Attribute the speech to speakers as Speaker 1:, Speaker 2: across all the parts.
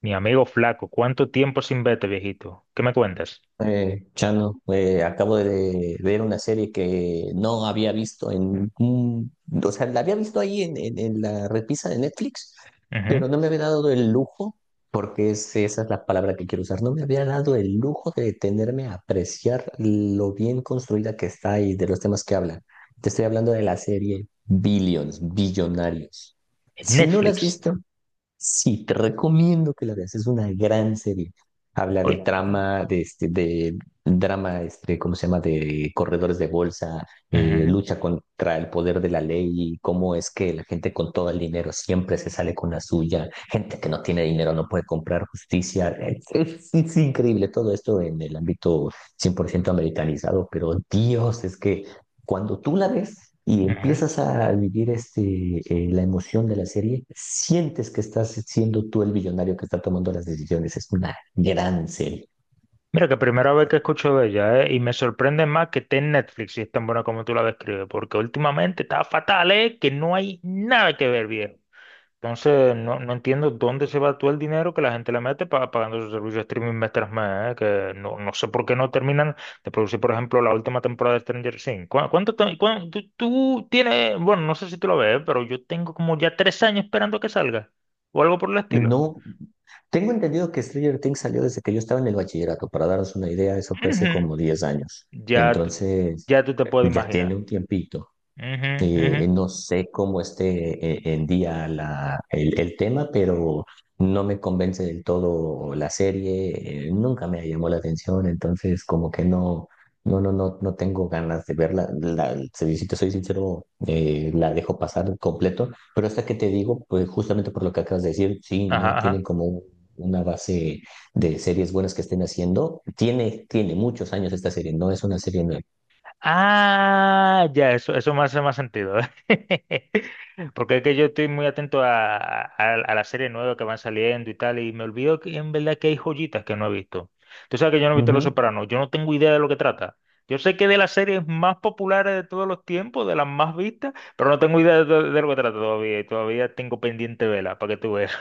Speaker 1: Mi amigo flaco, ¿cuánto tiempo sin verte, viejito? ¿Qué me cuentas?
Speaker 2: Chano, acabo de ver una serie que no había visto en o sea, la había visto ahí en, en la repisa de Netflix,
Speaker 1: Ujú.
Speaker 2: pero no me había dado el lujo, porque esa es la palabra que quiero usar. No me había dado el lujo de detenerme a apreciar lo bien construida que está y de los temas que habla. Te estoy hablando de la serie Billions, Billonarios.
Speaker 1: En
Speaker 2: Si no la has
Speaker 1: Netflix.
Speaker 2: visto, sí, te recomiendo que la veas. Es una gran serie. Habla de
Speaker 1: Oye.
Speaker 2: trama, de drama, ¿cómo se llama? De corredores de bolsa,
Speaker 1: Ujú,
Speaker 2: lucha contra el poder de la ley y cómo es que la gente con todo el dinero siempre se sale con la suya. Gente que no tiene dinero no puede comprar justicia. Es increíble todo esto en el ámbito 100% americanizado, pero Dios, es que cuando tú la ves y
Speaker 1: ujú.
Speaker 2: empiezas a vivir la emoción de la serie, sientes que estás siendo tú el billonario que está tomando las decisiones. Es una gran serie.
Speaker 1: Mira, que primera vez que escucho de ella, ¿eh? Y me sorprende más que esté en Netflix y es tan buena como tú la describes, porque últimamente está fatal, ¿eh? Que no hay nada que ver. Entonces, no entiendo dónde se va todo el dinero que la gente le mete para pagando su servicio de streaming mes tras mes, ¿eh? Que no sé por qué no terminan de producir, por ejemplo, la última temporada de Stranger Things. ¿Cuá- ¿Cuánto, te- cuán- tú tienes, bueno, no sé si tú lo ves, pero yo tengo como ya tres años esperando que salga o algo por el estilo.
Speaker 2: No, tengo entendido que Stranger Things salió desde que yo estaba en el bachillerato. Para daros una idea, eso fue hace
Speaker 1: Ujú.
Speaker 2: como 10 años.
Speaker 1: Ya, tú-
Speaker 2: Entonces,
Speaker 1: ya tú te puedes
Speaker 2: ya
Speaker 1: imaginar.
Speaker 2: tiene un tiempito.
Speaker 1: Ujú, ujú.
Speaker 2: No sé cómo esté en día el tema, pero no me convence del todo la serie. Nunca me llamó la atención, entonces como que no, no, no, no, no tengo ganas de verla. La, si si te soy sincero, la dejo pasar completo, pero hasta que te digo, pues justamente por lo que acabas de decir, sí, no
Speaker 1: Ajá.
Speaker 2: tienen como una base de series buenas que estén haciendo. Tiene, tiene muchos años esta serie, no es una serie
Speaker 1: Ah, ya, eso me hace más sentido. Porque es que yo estoy muy atento a las series nuevas que van saliendo y tal, y me olvido que en verdad que hay joyitas que no he visto. Tú sabes que yo no he visto Los
Speaker 2: nueva.
Speaker 1: Sopranos, yo no tengo idea de lo que trata. Yo sé que de las series más populares de todos los tiempos, de las más vistas, pero no tengo idea de lo que trata todavía, y todavía tengo pendiente vela, para que tú veas.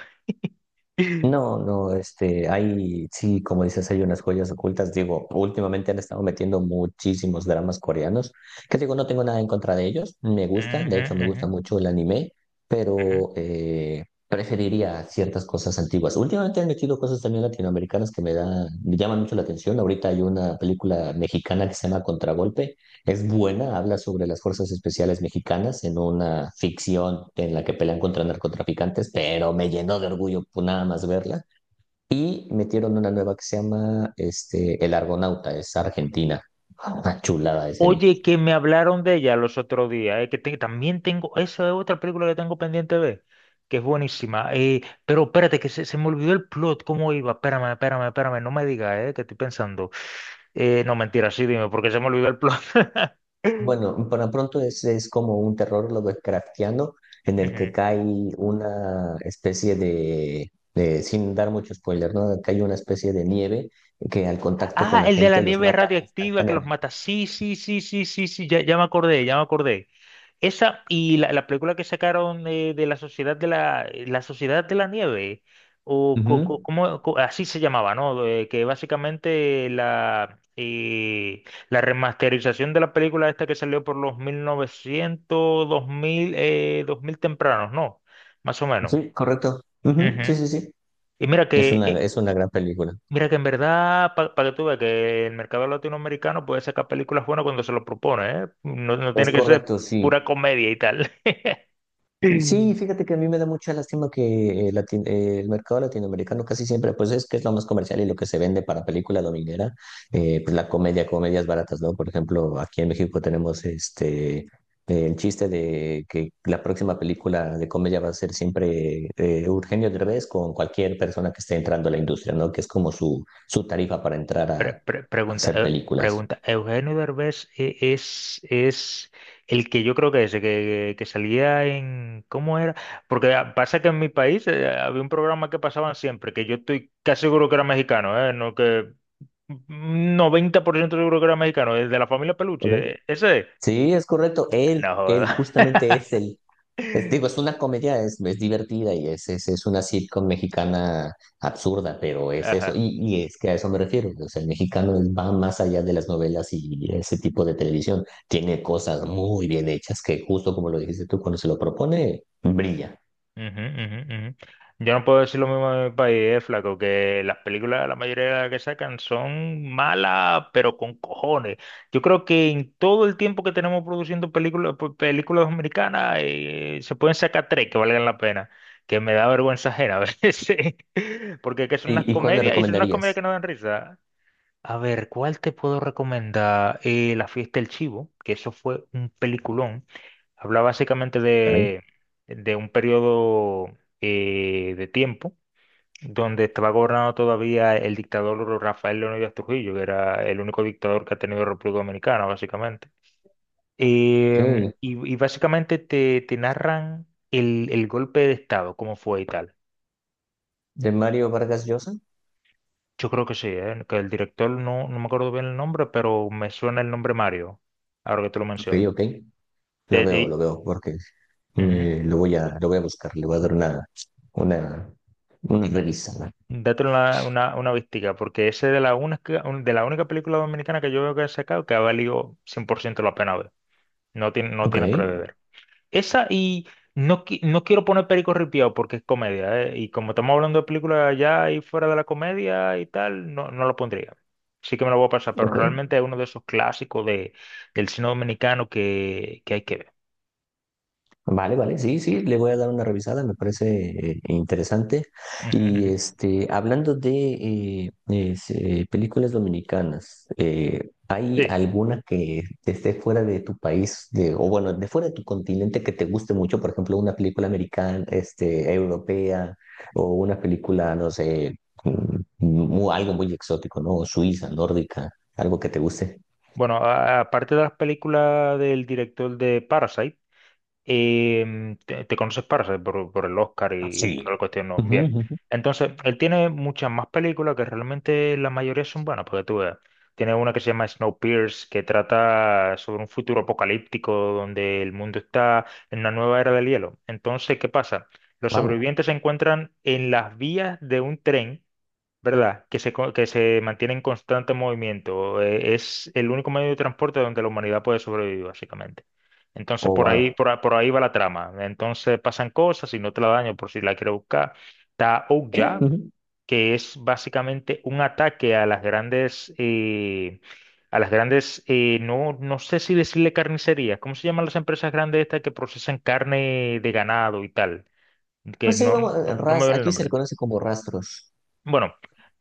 Speaker 2: No, no, hay, sí, como dices, hay unas joyas ocultas. Digo, últimamente han estado metiendo muchísimos dramas coreanos, que digo, no tengo nada en contra de ellos, me gusta, de
Speaker 1: Ujú,
Speaker 2: hecho me
Speaker 1: ujú,
Speaker 2: gusta mucho el anime, pero
Speaker 1: ujú.
Speaker 2: preferiría ciertas cosas antiguas. Últimamente han metido cosas también latinoamericanas que me da, me llaman mucho la atención. Ahorita hay una película mexicana que se llama Contragolpe, es buena, habla sobre las fuerzas especiales mexicanas en una ficción en la que pelean contra narcotraficantes, pero me llenó de orgullo por nada más verla. Y metieron una nueva que se llama El Argonauta, es argentina. Una chulada de serie.
Speaker 1: Oye, que me hablaron de ella los otros días, también tengo, esa es otra película que tengo pendiente de ver, que es buenísima. Pero espérate, que se me olvidó el plot, cómo iba. Espérame, espérame, espérame, no me digas, que estoy pensando. No, mentira, sí, dime, porque se me olvidó el plot.
Speaker 2: Bueno, para pronto es como un terror lovecraftiano en el que
Speaker 1: Ujú.
Speaker 2: cae una especie de, sin dar mucho spoiler, ¿no? Cae una especie de nieve que al contacto con
Speaker 1: Ah,
Speaker 2: la
Speaker 1: el de la
Speaker 2: gente los
Speaker 1: nieve
Speaker 2: mata
Speaker 1: radioactiva que los
Speaker 2: instantáneamente.
Speaker 1: mata. Sí, sí, sí, sí, sí, sí, ya, ya me acordé, ya me acordé. Esa y la película que sacaron de la Sociedad de la, la Sociedad de la Nieve, o co- co-
Speaker 2: Ujú.
Speaker 1: como, co- así se llamaba, ¿no? Que básicamente la remasterización de la película esta que salió por los mil novecientos dos mil 2000 tempranos, ¿no? Más o menos.
Speaker 2: Sí, correcto. Ujú. Sí,
Speaker 1: Ujú.
Speaker 2: sí, sí.
Speaker 1: Y
Speaker 2: Es una gran película.
Speaker 1: mira que en verdad, para que tú veas que el mercado latinoamericano puede sacar películas buenas cuando se lo propone, ¿eh? No, no
Speaker 2: Es
Speaker 1: tiene que ser
Speaker 2: correcto, sí.
Speaker 1: pura comedia y tal.
Speaker 2: Sí, fíjate que a mí me da mucha lástima que el mercado latinoamericano casi siempre, pues es que es lo más comercial y lo que se vende para película dominguera, pues la comedia, comedias baratas, ¿no? Por ejemplo, aquí en México tenemos el chiste de que la próxima película de comedia va a ser siempre Eugenio Derbez con cualquier persona que esté entrando a la industria, ¿no? Que es como su tarifa para entrar a, a hacer películas.
Speaker 1: Pregunta, Eugenio Derbez es el que yo creo que es, el que salía en, ¿cómo era? Porque ah, pasa que en mi país había un programa que pasaban siempre, que yo estoy casi seguro que era mexicano, ¿eh? No, que un 90% seguro que era mexicano, el de la familia
Speaker 2: Ok.
Speaker 1: Peluche, ¿eh? Ese es.
Speaker 2: Sí, es correcto. Él,
Speaker 1: No
Speaker 2: él
Speaker 1: joda.
Speaker 2: justamente digo, es una comedia, es divertida y es una sitcom mexicana absurda, pero es eso.
Speaker 1: Ajá.
Speaker 2: Y es que a eso me refiero. O sea, el mexicano va más allá de las novelas y ese tipo de televisión. Tiene cosas muy bien hechas que justo como lo dijiste tú, cuando se lo propone, brilla.
Speaker 1: Ujú, ujú, ujú. Yo no puedo decir lo mismo de mi país, flaco, que las películas, la mayoría de las que sacan son malas, pero con cojones. Yo creo que en todo el tiempo que tenemos produciendo películas, películas americanas, se pueden sacar tres que valgan la pena, que me da vergüenza ajena a veces, porque es que son unas
Speaker 2: Y cuál me
Speaker 1: comedias y son unas comedias que
Speaker 2: recomendarías?
Speaker 1: no dan risa. A ver, ¿cuál te puedo recomendar? La fiesta del chivo, que eso fue un peliculón. Habla básicamente
Speaker 2: Caray.
Speaker 1: de un periodo de tiempo donde estaba gobernado todavía el dictador Rafael Leónidas Trujillo, que era el único dictador que ha tenido República Dominicana, básicamente. Em,
Speaker 2: Eh,
Speaker 1: y básicamente te narran el golpe de Estado, cómo fue y tal.
Speaker 2: ¿De Mario Vargas Llosa?
Speaker 1: Yo creo que sí, ¿eh? Que el director no me acuerdo bien el nombre, pero me suena el nombre Mario, ahora que te lo
Speaker 2: Ok,
Speaker 1: mencionas.
Speaker 2: ok.
Speaker 1: Te-
Speaker 2: Lo
Speaker 1: te-
Speaker 2: veo, porque
Speaker 1: Ujú.
Speaker 2: Lo voy a buscar, le voy a dar una, una revisada.
Speaker 1: Date una vistica, porque ese es de la única, de la única película dominicana que yo veo que han sacado que ha valido 100% la pena ver. No tiene, no
Speaker 2: Ok,
Speaker 1: tiene predeber. Esa y no, no quiero poner Perico Ripiao porque es comedia, ¿eh? Y como estamos hablando de películas allá y fuera de la comedia y tal, no lo pondría. Sí que me lo voy a pasar, pero
Speaker 2: ok.
Speaker 1: realmente es uno de esos clásicos de, del cine dominicano que hay que ver.
Speaker 2: Vale, vale, sí, sí, le voy a dar una revisada, me parece interesante.
Speaker 1: Ujú,
Speaker 2: Y
Speaker 1: ujú.
Speaker 2: hablando de películas dominicanas, ¿hay
Speaker 1: Sí.
Speaker 2: alguna que esté fuera de tu país, de, o bueno, de fuera de tu continente que te guste mucho? Por ejemplo, una película americana, europea, o una película, no sé, algo muy exótico, ¿no? Suiza, nórdica, algo que te guste.
Speaker 1: Bueno, aparte de las películas del director de Parasite, y te conoces Parasite por el Oscar y, toda la
Speaker 2: Sí.
Speaker 1: cuestión, ¿no? Bien. Entonces, él tiene muchas más películas que realmente la mayoría son buenas, porque tú veas. Tiene una que se llama Snowpiercer, que trata sobre un futuro apocalíptico donde el mundo está en una nueva era del hielo. Entonces, ¿qué pasa? Los
Speaker 2: Wow.
Speaker 1: sobrevivientes se encuentran en las vías de un tren, ¿verdad? Que que se mantiene en constante movimiento. Es el único medio de transporte donde la humanidad puede sobrevivir, básicamente. Entonces,
Speaker 2: Oh,
Speaker 1: por ahí,
Speaker 2: wow.
Speaker 1: por ahí va la trama. Entonces, pasan cosas y no te la daño por si la quieres buscar. Está
Speaker 2: ¿Eh?
Speaker 1: Ouya, que es básicamente un ataque a las grandes, no, no sé si decirle carnicerías. ¿Cómo se llaman las empresas grandes estas que procesan carne de ganado y tal? Que
Speaker 2: Pues ahí vamos,
Speaker 1: no me ven el
Speaker 2: aquí se le
Speaker 1: nombre.
Speaker 2: conoce como rastros.
Speaker 1: Bueno,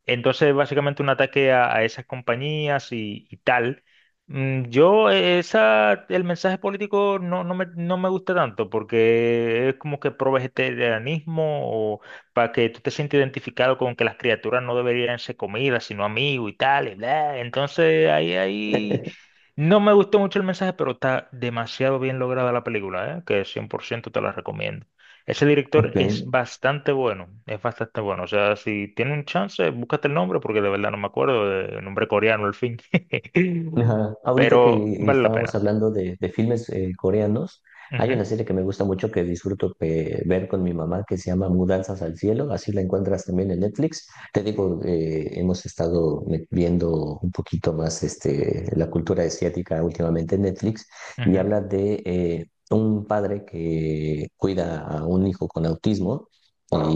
Speaker 1: entonces básicamente un ataque a esas compañías y tal. Esa, el mensaje político no me gusta tanto porque es como que pro vegetarianismo o para que tú te sientas identificado con que las criaturas no deberían ser comida, sino amigos y tal, y bla. Entonces ahí no me gustó mucho el mensaje, pero está demasiado bien lograda la película, ¿eh? Que 100% te la recomiendo. Ese director
Speaker 2: Ok.
Speaker 1: es bastante bueno, es bastante bueno. O sea, si tiene un chance, búscate el nombre, porque de verdad no me acuerdo del nombre coreano, al fin.
Speaker 2: Ajá. Ahorita
Speaker 1: Pero
Speaker 2: que
Speaker 1: vale la
Speaker 2: estábamos
Speaker 1: pena.
Speaker 2: hablando de filmes coreanos, hay una
Speaker 1: Ujú,
Speaker 2: serie que me gusta mucho que disfruto ver con mi mamá que se llama Mudanzas al Cielo, así la encuentras también en Netflix. Te digo, hemos estado viendo un poquito más la cultura asiática últimamente en Netflix y
Speaker 1: ujú,
Speaker 2: habla de un padre que cuida a un hijo con autismo.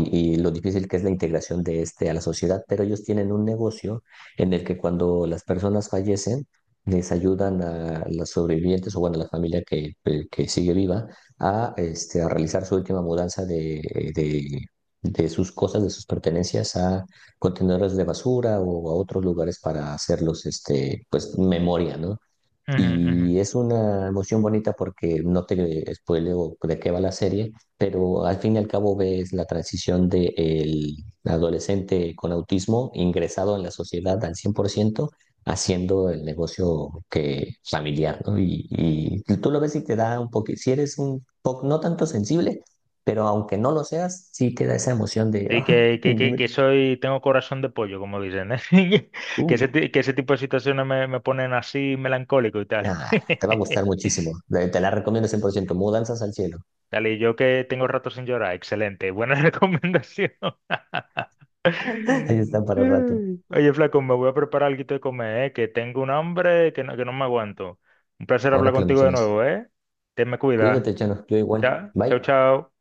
Speaker 2: Y lo difícil que es la integración de este a la sociedad, pero ellos tienen un negocio en el que cuando las personas fallecen, les ayudan a los sobrevivientes o bueno, a la familia que sigue viva a realizar su última mudanza de sus cosas, de sus pertenencias a contenedores de basura o a otros lugares para hacerlos pues, memoria, ¿no?
Speaker 1: ujú, ujú.
Speaker 2: Y es una emoción bonita porque no te spoileo de qué va la serie, pero al fin y al cabo ves la transición de el adolescente con autismo ingresado en la sociedad al 100% haciendo el negocio que familiar, ¿no? Y tú lo ves y te da un poco, si eres un poco, no tanto sensible, pero aunque no lo seas, sí te da esa emoción de,
Speaker 1: Sí,
Speaker 2: "Ah, me-
Speaker 1: que soy, tengo corazón de pollo, como dicen, ¿eh?
Speaker 2: uh,
Speaker 1: Que ese tipo de situaciones me ponen así melancólico y tal.
Speaker 2: ah, te va a gustar muchísimo. Te la recomiendo 100% Mudanzas al cielo.
Speaker 1: Dale, y yo que tengo rato sin llorar, excelente, buena recomendación.
Speaker 2: Ahí
Speaker 1: Ay.
Speaker 2: está para rato.
Speaker 1: Oye, flaco, me voy a preparar algo de comer, que tengo un hambre que que no me aguanto. Un placer hablar
Speaker 2: Ahora que lo
Speaker 1: contigo de
Speaker 2: mencionas,
Speaker 1: nuevo, ¿eh? Te me cuida.
Speaker 2: cuídate, Chano. Yo igual.
Speaker 1: ¿Ya? Chao,
Speaker 2: Bye.
Speaker 1: chao.